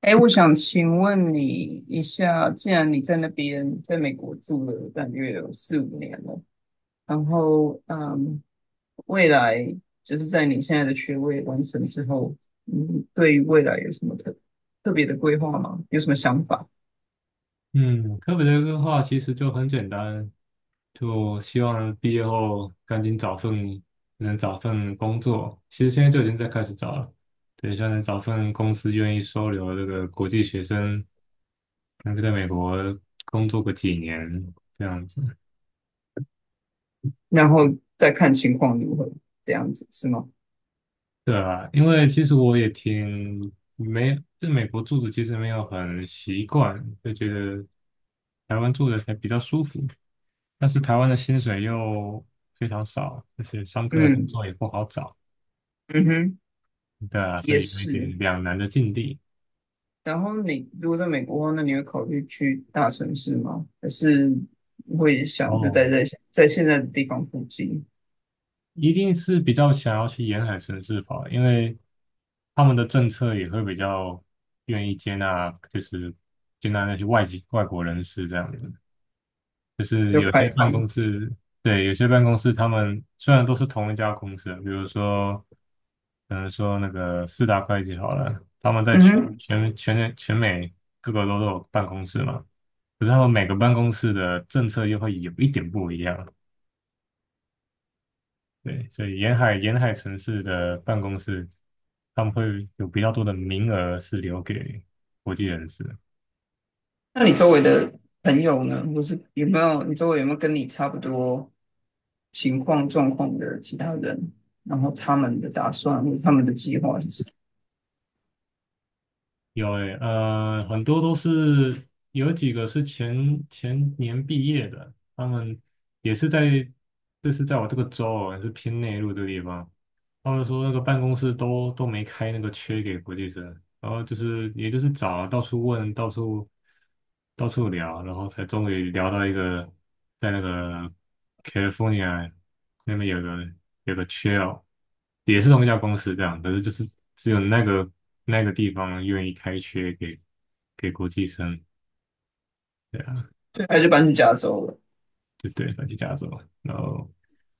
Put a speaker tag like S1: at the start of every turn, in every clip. S1: 哎，我想请问你一下，既然你在那边，在美国住了大约有四五年了，然后未来就是在你现在的学位完成之后，你对于未来有什么特别的规划吗？有什么想法？
S2: 嗯，科比的话其实就很简单，就希望毕业后赶紧找份工作。其实现在就已经在开始找了，等一下能找份公司愿意收留这个国际学生，能够在美国工作个几年这样子。
S1: 然后再看情况如何，这样子是吗？
S2: 对啊，因为其实我也挺没，在美国住的其实没有很习惯，就觉得台湾住的还比较舒服，但是台湾的薪水又非常少，而且上课的工
S1: 嗯，
S2: 作也不好找，
S1: 嗯哼，
S2: 对啊，所
S1: 也
S2: 以有一点
S1: 是。
S2: 两难的境地。
S1: 然后你如果在美国的话，那你会考虑去大城市吗？还是会想就
S2: 哦，
S1: 待在现在的地方附近，
S2: 一定是比较想要去沿海城市跑，因为他们的政策也会比较愿意接纳，就是接纳那些外籍外国人士这样子。就是
S1: 就
S2: 有
S1: 开
S2: 些办公
S1: 放？
S2: 室，对，有些办公室他们虽然都是同一家公司啊，比如说，可能说那个四大会计好了，他们在
S1: 嗯
S2: 全
S1: 哼，
S2: 全全全美各个都有办公室嘛，可是他们每个办公室的政策又会有一点不一样，对，所以沿海城市的办公室，他们会有比较多的名额是留给国际人士。
S1: 那你周围的朋友呢？或是有没有你周围有没有跟你差不多情况状况的其他人？然后他们的打算或者他们的计划是什么？
S2: 有诶，很多都是有几个是前前年毕业的，他们也是在，这是在我这个州哦，是偏内陆这个地方，他们说那个办公室都没开那个缺给国际生，然后就是也就是找啊到处问，到处聊，然后才终于聊到一个在那个 California 那边有个缺哦，也是同一家公司这样，可是就是只有那个那个地方愿意开缺给国际生，对啊，
S1: 对，还是搬去加州了？
S2: 就对，反正加州，然后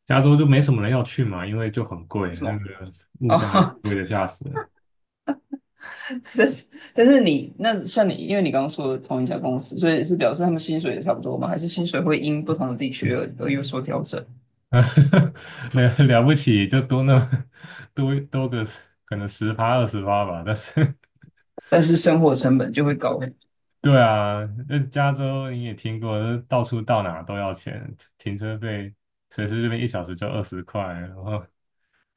S2: 加州就没什么人要去嘛，因为就很贵，
S1: 为什
S2: 那
S1: 么？
S2: 个物
S1: 哦，
S2: 价 贵的吓死人。
S1: 但是但是你那像你，因为你刚刚说的同一家公司，所以是表示他们薪水也差不多吗？还是薪水会因不同的地区而有所调整？
S2: 呃，了不起，就多那 么多个十可能十趴20趴吧。但是，
S1: 但是生活成本就会高。
S2: 对啊，那加州你也听过，就是到处到哪都要钱，停车费随随便便一小时就20块，然后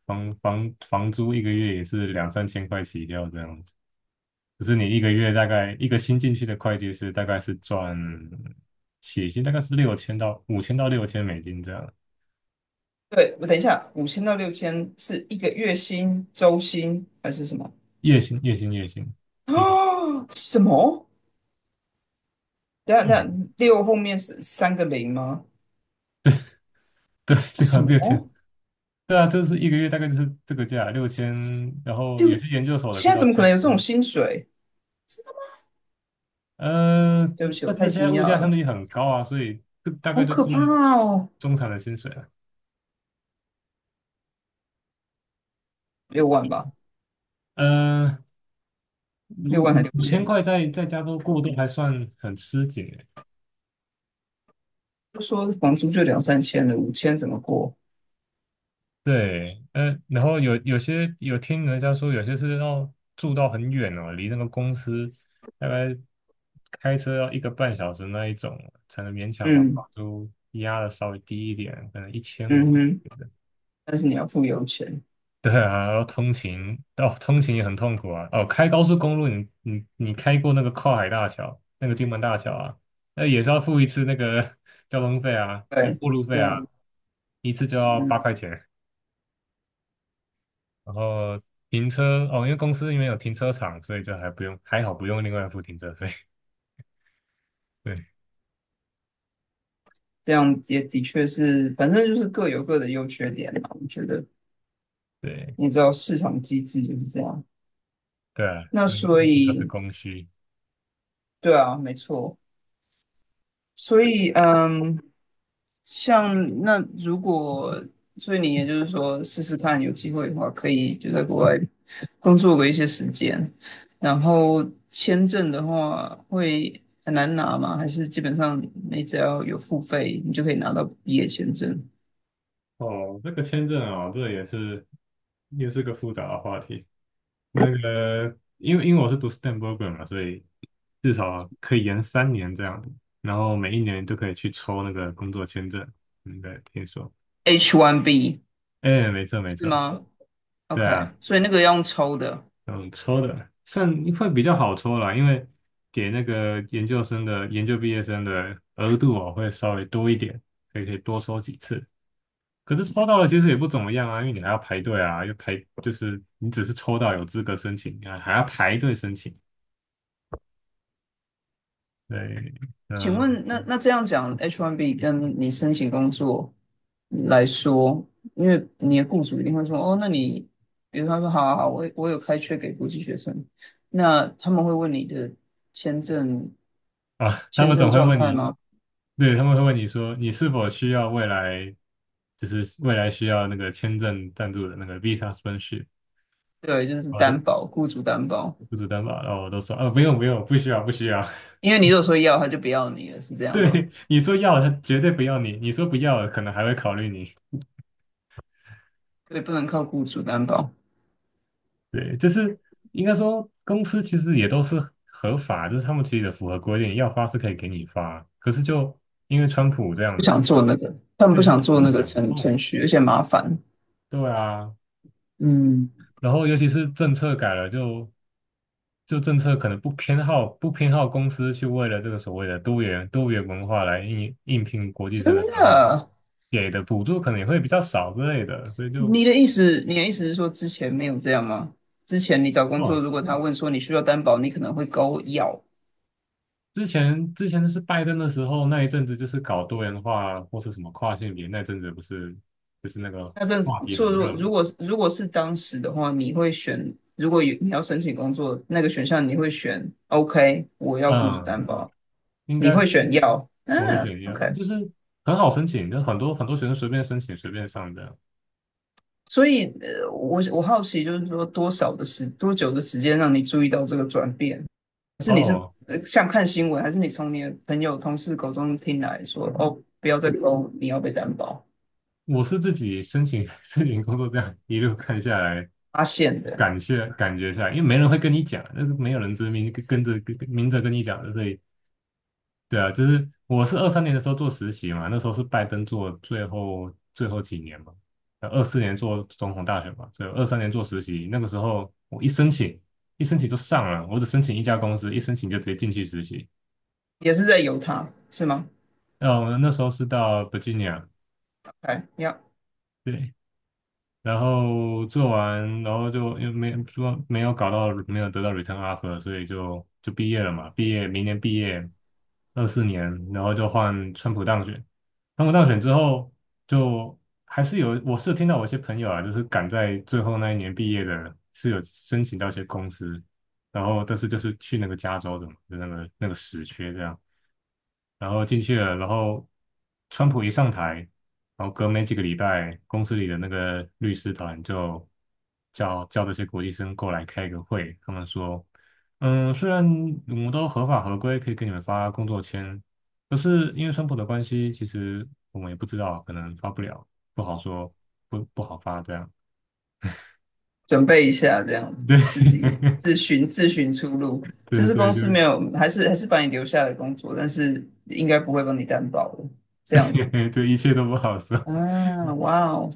S2: 房租一个月也是两三千块起跳这样子。可是你一个月大概一个新进去的会计师大概是赚起薪大概是六千到5000到6000美金这样，
S1: 对，我等一下，五千到六千是一个月薪、周薪还是什么？
S2: 月薪。一个月
S1: 啊，什么？等一下等一下，六后面是三个零吗？
S2: 对，对啊，
S1: 什
S2: 六千，
S1: 么？
S2: 对啊，就是一个月大概就是这个价，六千，然后有
S1: 六？
S2: 些研究所的可
S1: 现
S2: 以
S1: 在
S2: 到
S1: 怎么可
S2: 七
S1: 能
S2: 千，
S1: 有这种薪水？
S2: 呃，
S1: 对不起，我
S2: 但是
S1: 太
S2: 现在
S1: 惊讶
S2: 物价相
S1: 了，
S2: 对很高啊，所以这大
S1: 好
S2: 概就
S1: 可
S2: 是
S1: 怕哦！
S2: 中产的薪水了。
S1: 六万吧，
S2: 呃，
S1: 六万还六
S2: 五千
S1: 千？
S2: 块在加州过渡还算很吃紧，
S1: 就说房租就两三千了，五千怎么过？
S2: 对，然后有些有听人家说，有些是要住到很远哦，离那个公司大概开车要一个半小时那一种，才能勉强把房
S1: 嗯，
S2: 租压的稍微低一点，可能1500。
S1: 嗯哼，但是你要付油钱，
S2: 对啊，然后通勤，哦，通勤也很痛苦啊。哦，开高速公路你，你开过那个跨海大桥，那个金门大桥啊，那也是要付一次那个 交通费啊，那
S1: 对，
S2: 过路费
S1: 对
S2: 啊，
S1: 啊，
S2: 一次就要八
S1: 嗯，
S2: 块钱。然后停车哦，因为公司因为有停车场，所以就还不用，还好不用另外付停车费。对
S1: 这样也的确是，反正就是各有各的优缺点嘛。我觉得
S2: 对
S1: 你知道市场机制就是这样，
S2: 对啊，
S1: 那
S2: 那
S1: 所
S2: 一听都是
S1: 以
S2: 供需。
S1: 对啊，没错，所以像那如果，所以你也就是说试试看，有机会的话可以就在国外工作个一些时间。然后签证的话会很难拿吗？还是基本上你只要有付费，你就可以拿到毕业签证
S2: 哦，这个签证哦，这也是又是个复杂的话题。那个，因为我是读 STEM program 嘛，所以至少可以延三年这样子，然后每一年都可以去抽那个工作签证。应该听说，
S1: ？H1B
S2: 哎，没错没
S1: 是
S2: 错，
S1: 吗
S2: 对
S1: ？OK，
S2: 啊，
S1: 所以那个要用抽的。
S2: 嗯，抽的算会比较好抽啦，因为给那个研究生的研究毕业生的额度哦会稍微多一点，可以多抽几次。可是抽到了其实也不怎么样啊，因为你还要排队啊，又排就是你只是抽到有资格申请啊，还要排队申请。对，
S1: 请
S2: 嗯
S1: 问，那这样讲，H1B 跟你申请工作来说，因为你的雇主一定会说，哦，那你，比如他说，好好好，我有开缺给国际学生，那他们会问你的签证
S2: 啊，他
S1: 签
S2: 们
S1: 证
S2: 总会
S1: 状
S2: 问
S1: 态
S2: 你，
S1: 吗？
S2: 对，他们会问你说你是否需要未来就是未来需要那个签证赞助的那个 visa sponsorship
S1: 对，就是
S2: 啊。我都
S1: 担保，雇主担保，
S2: 雇主担保，然后我都说啊，不用，不需要。
S1: 因为你如果说要，他就不要你了，是这 样吗？
S2: 对，你说要，他绝对不要你；你说不要，可能还会考虑你。
S1: 对，不能靠雇主担保，
S2: 对，就是应该说，公司其实也都是合法，就是他们其实也符合规定，要发是可以给你发。可是就因为川普这样
S1: 不
S2: 子，
S1: 想，他们
S2: 对，
S1: 不
S2: 他们
S1: 想
S2: 就
S1: 做
S2: 不
S1: 那个
S2: 想
S1: 程
S2: 碰。
S1: 程序，而且麻烦，
S2: 对啊，
S1: 嗯，
S2: 然后尤其是政策改了就，就政策可能不偏好公司去为了这个所谓的多元文化来应聘国际
S1: 真
S2: 生的时候，
S1: 的。
S2: 给的补助可能也会比较少之类的，所以就
S1: 你的意思是说之前没有这样吗？之前你找工作，
S2: 哦，
S1: 如果他问说你需要担保，你可能会勾要。
S2: 之前是拜登的时候那一阵子就是搞多元化或是什么跨性别那阵子不是就是那个
S1: 那甚至
S2: 话题很
S1: 说，如
S2: 热
S1: 果
S2: 嘛，
S1: 如果如果是当时的话，你会选，如果有你要申请工作那个选项，你会选 OK，我要雇主
S2: 嗯，
S1: 担保，
S2: 应
S1: 你
S2: 该
S1: 会
S2: 是
S1: 选要，
S2: 我会选一
S1: OK。
S2: 就是很好申请，就很多学生随便申请随便上的
S1: 所以，我好奇，就是说多久的时间让你注意到这个转变？
S2: 哦，
S1: 像看新闻，还是你从你的朋友、同事口中听来说，哦，不要再勾，你要被担保。
S2: 我是自己申请 申请工作，这样一路看下来，
S1: 发现的，
S2: 感觉下来，因为没人会跟你讲，那是没有人跟跟着跟跟明着跟你讲的，所以对啊，就是我是二三年的时候做实习嘛，那时候是拜登做最后几年嘛，呃二四年做总统大选嘛，所以二三年做实习，那个时候我一申请就上了，我只申请一家公司，一申请就直接进去实习，
S1: 也是在犹他，是吗
S2: 然后那时候是到 Virginia，
S1: ？OK，要
S2: 对，然后做完，然后就又没有搞到，没有得到 return offer，所以就毕业了嘛。毕业明年毕业，二四年，然后就换川普当选。川普当选之后，就还是有，我是有听到我一些朋友啊，就是赶在最后那一年毕业的，是有申请到一些公司，然后但是就是去那个加州的嘛，就那个那个死缺这样。然后进去了，然后川普一上台，然后隔没几个礼拜，公司里的那个律师团就叫这些国际生过来开个会，他们说，嗯，虽然我们都合法合规，可以给你们发工作签，可是因为川普的关系，其实我们也不知道，可能发不了，不好说，不好发这样。
S1: 准备一下，这样子
S2: 对，
S1: 自己自寻出路。就
S2: 对
S1: 是
S2: 对，
S1: 公司没有，还是把你留下来工作，但是应该不会帮你担保的，这样子。
S2: 对 对，一切都不好说。
S1: 啊，哇哦，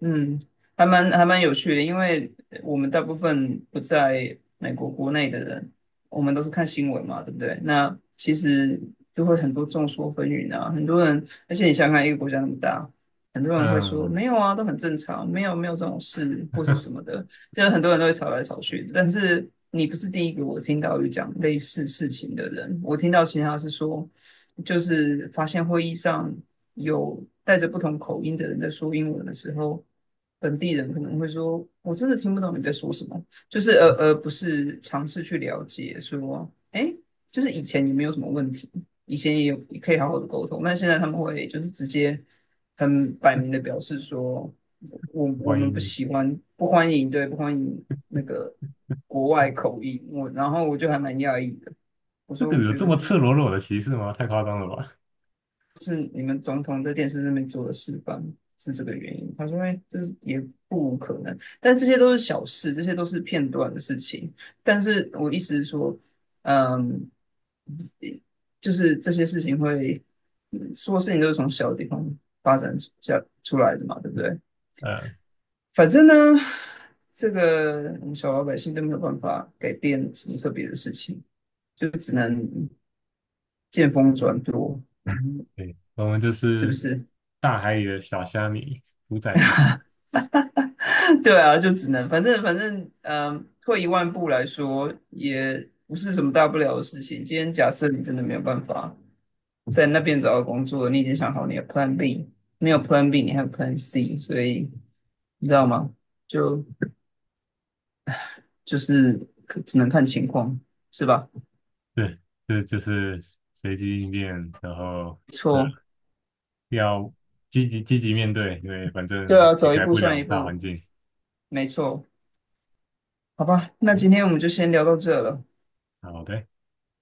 S1: 嗯，还蛮有趣的，因为我们大部分不在美国国内的人，我们都是看新闻嘛，对不对？那其实就会很多众说纷纭啊，很多人，而且你想想看一个国家那么大，很多人会说
S2: 嗯，
S1: 没有啊，都很正常，没有没有这种事或是什么的，就是很多人都会吵来吵去。但是你不是第一个我听到有讲类似事情的人，我听到其他是说，就是发现会议上。有带着不同口音的人在说英文的时候，本地人可能会说：“我真的听不懂你在说什么。”就是而不是尝试去了解说，哎，就是以前也没有什么问题，以前也有也可以好好的沟通，但现在他们会就是直接很摆明的表示说，我
S2: 欢
S1: 们不
S2: 迎你。
S1: 喜欢，不欢迎，对，不欢迎那个国外口音。我然后我就还蛮讶异的，我
S2: 这
S1: 说
S2: 个
S1: 我
S2: 有
S1: 觉
S2: 这
S1: 得
S2: 么
S1: 是
S2: 赤裸裸的歧视吗？太夸张了吧？
S1: 是你们总统在电视上面做的示范，是这个原因。他说，哎，这是也不无可能，但这些都是小事，这些都是片段的事情。但是我意思是说，嗯，就是这些事情会，说事情都是从小的地方发展下出来的嘛，对不对？
S2: 呃，
S1: 反正呢，这个我们小老百姓都没有办法改变什么特别的事情，就只能见风转舵，嗯，
S2: 对，我们就
S1: 是不
S2: 是
S1: 是？
S2: 大海里的小虾米，屠宰夫。
S1: 对啊，就只能反正，退一万步来说，也不是什么大不了的事情。今天假设你真的没有办法在那边找到工作，你已经想好你的 Plan B，没有 Plan B，你还有 Plan C，所以你知道吗？就就是可只能看情况，是吧？
S2: 对，这就是随机应变，然后
S1: 没
S2: 对，
S1: 错，
S2: 要积极面对，因为反正
S1: 对啊，
S2: 也
S1: 走一
S2: 改
S1: 步
S2: 不
S1: 算一
S2: 了大环
S1: 步，
S2: 境。
S1: 没错，好吧，那今
S2: 嗯
S1: 天我们就先聊到这了。
S2: 好的。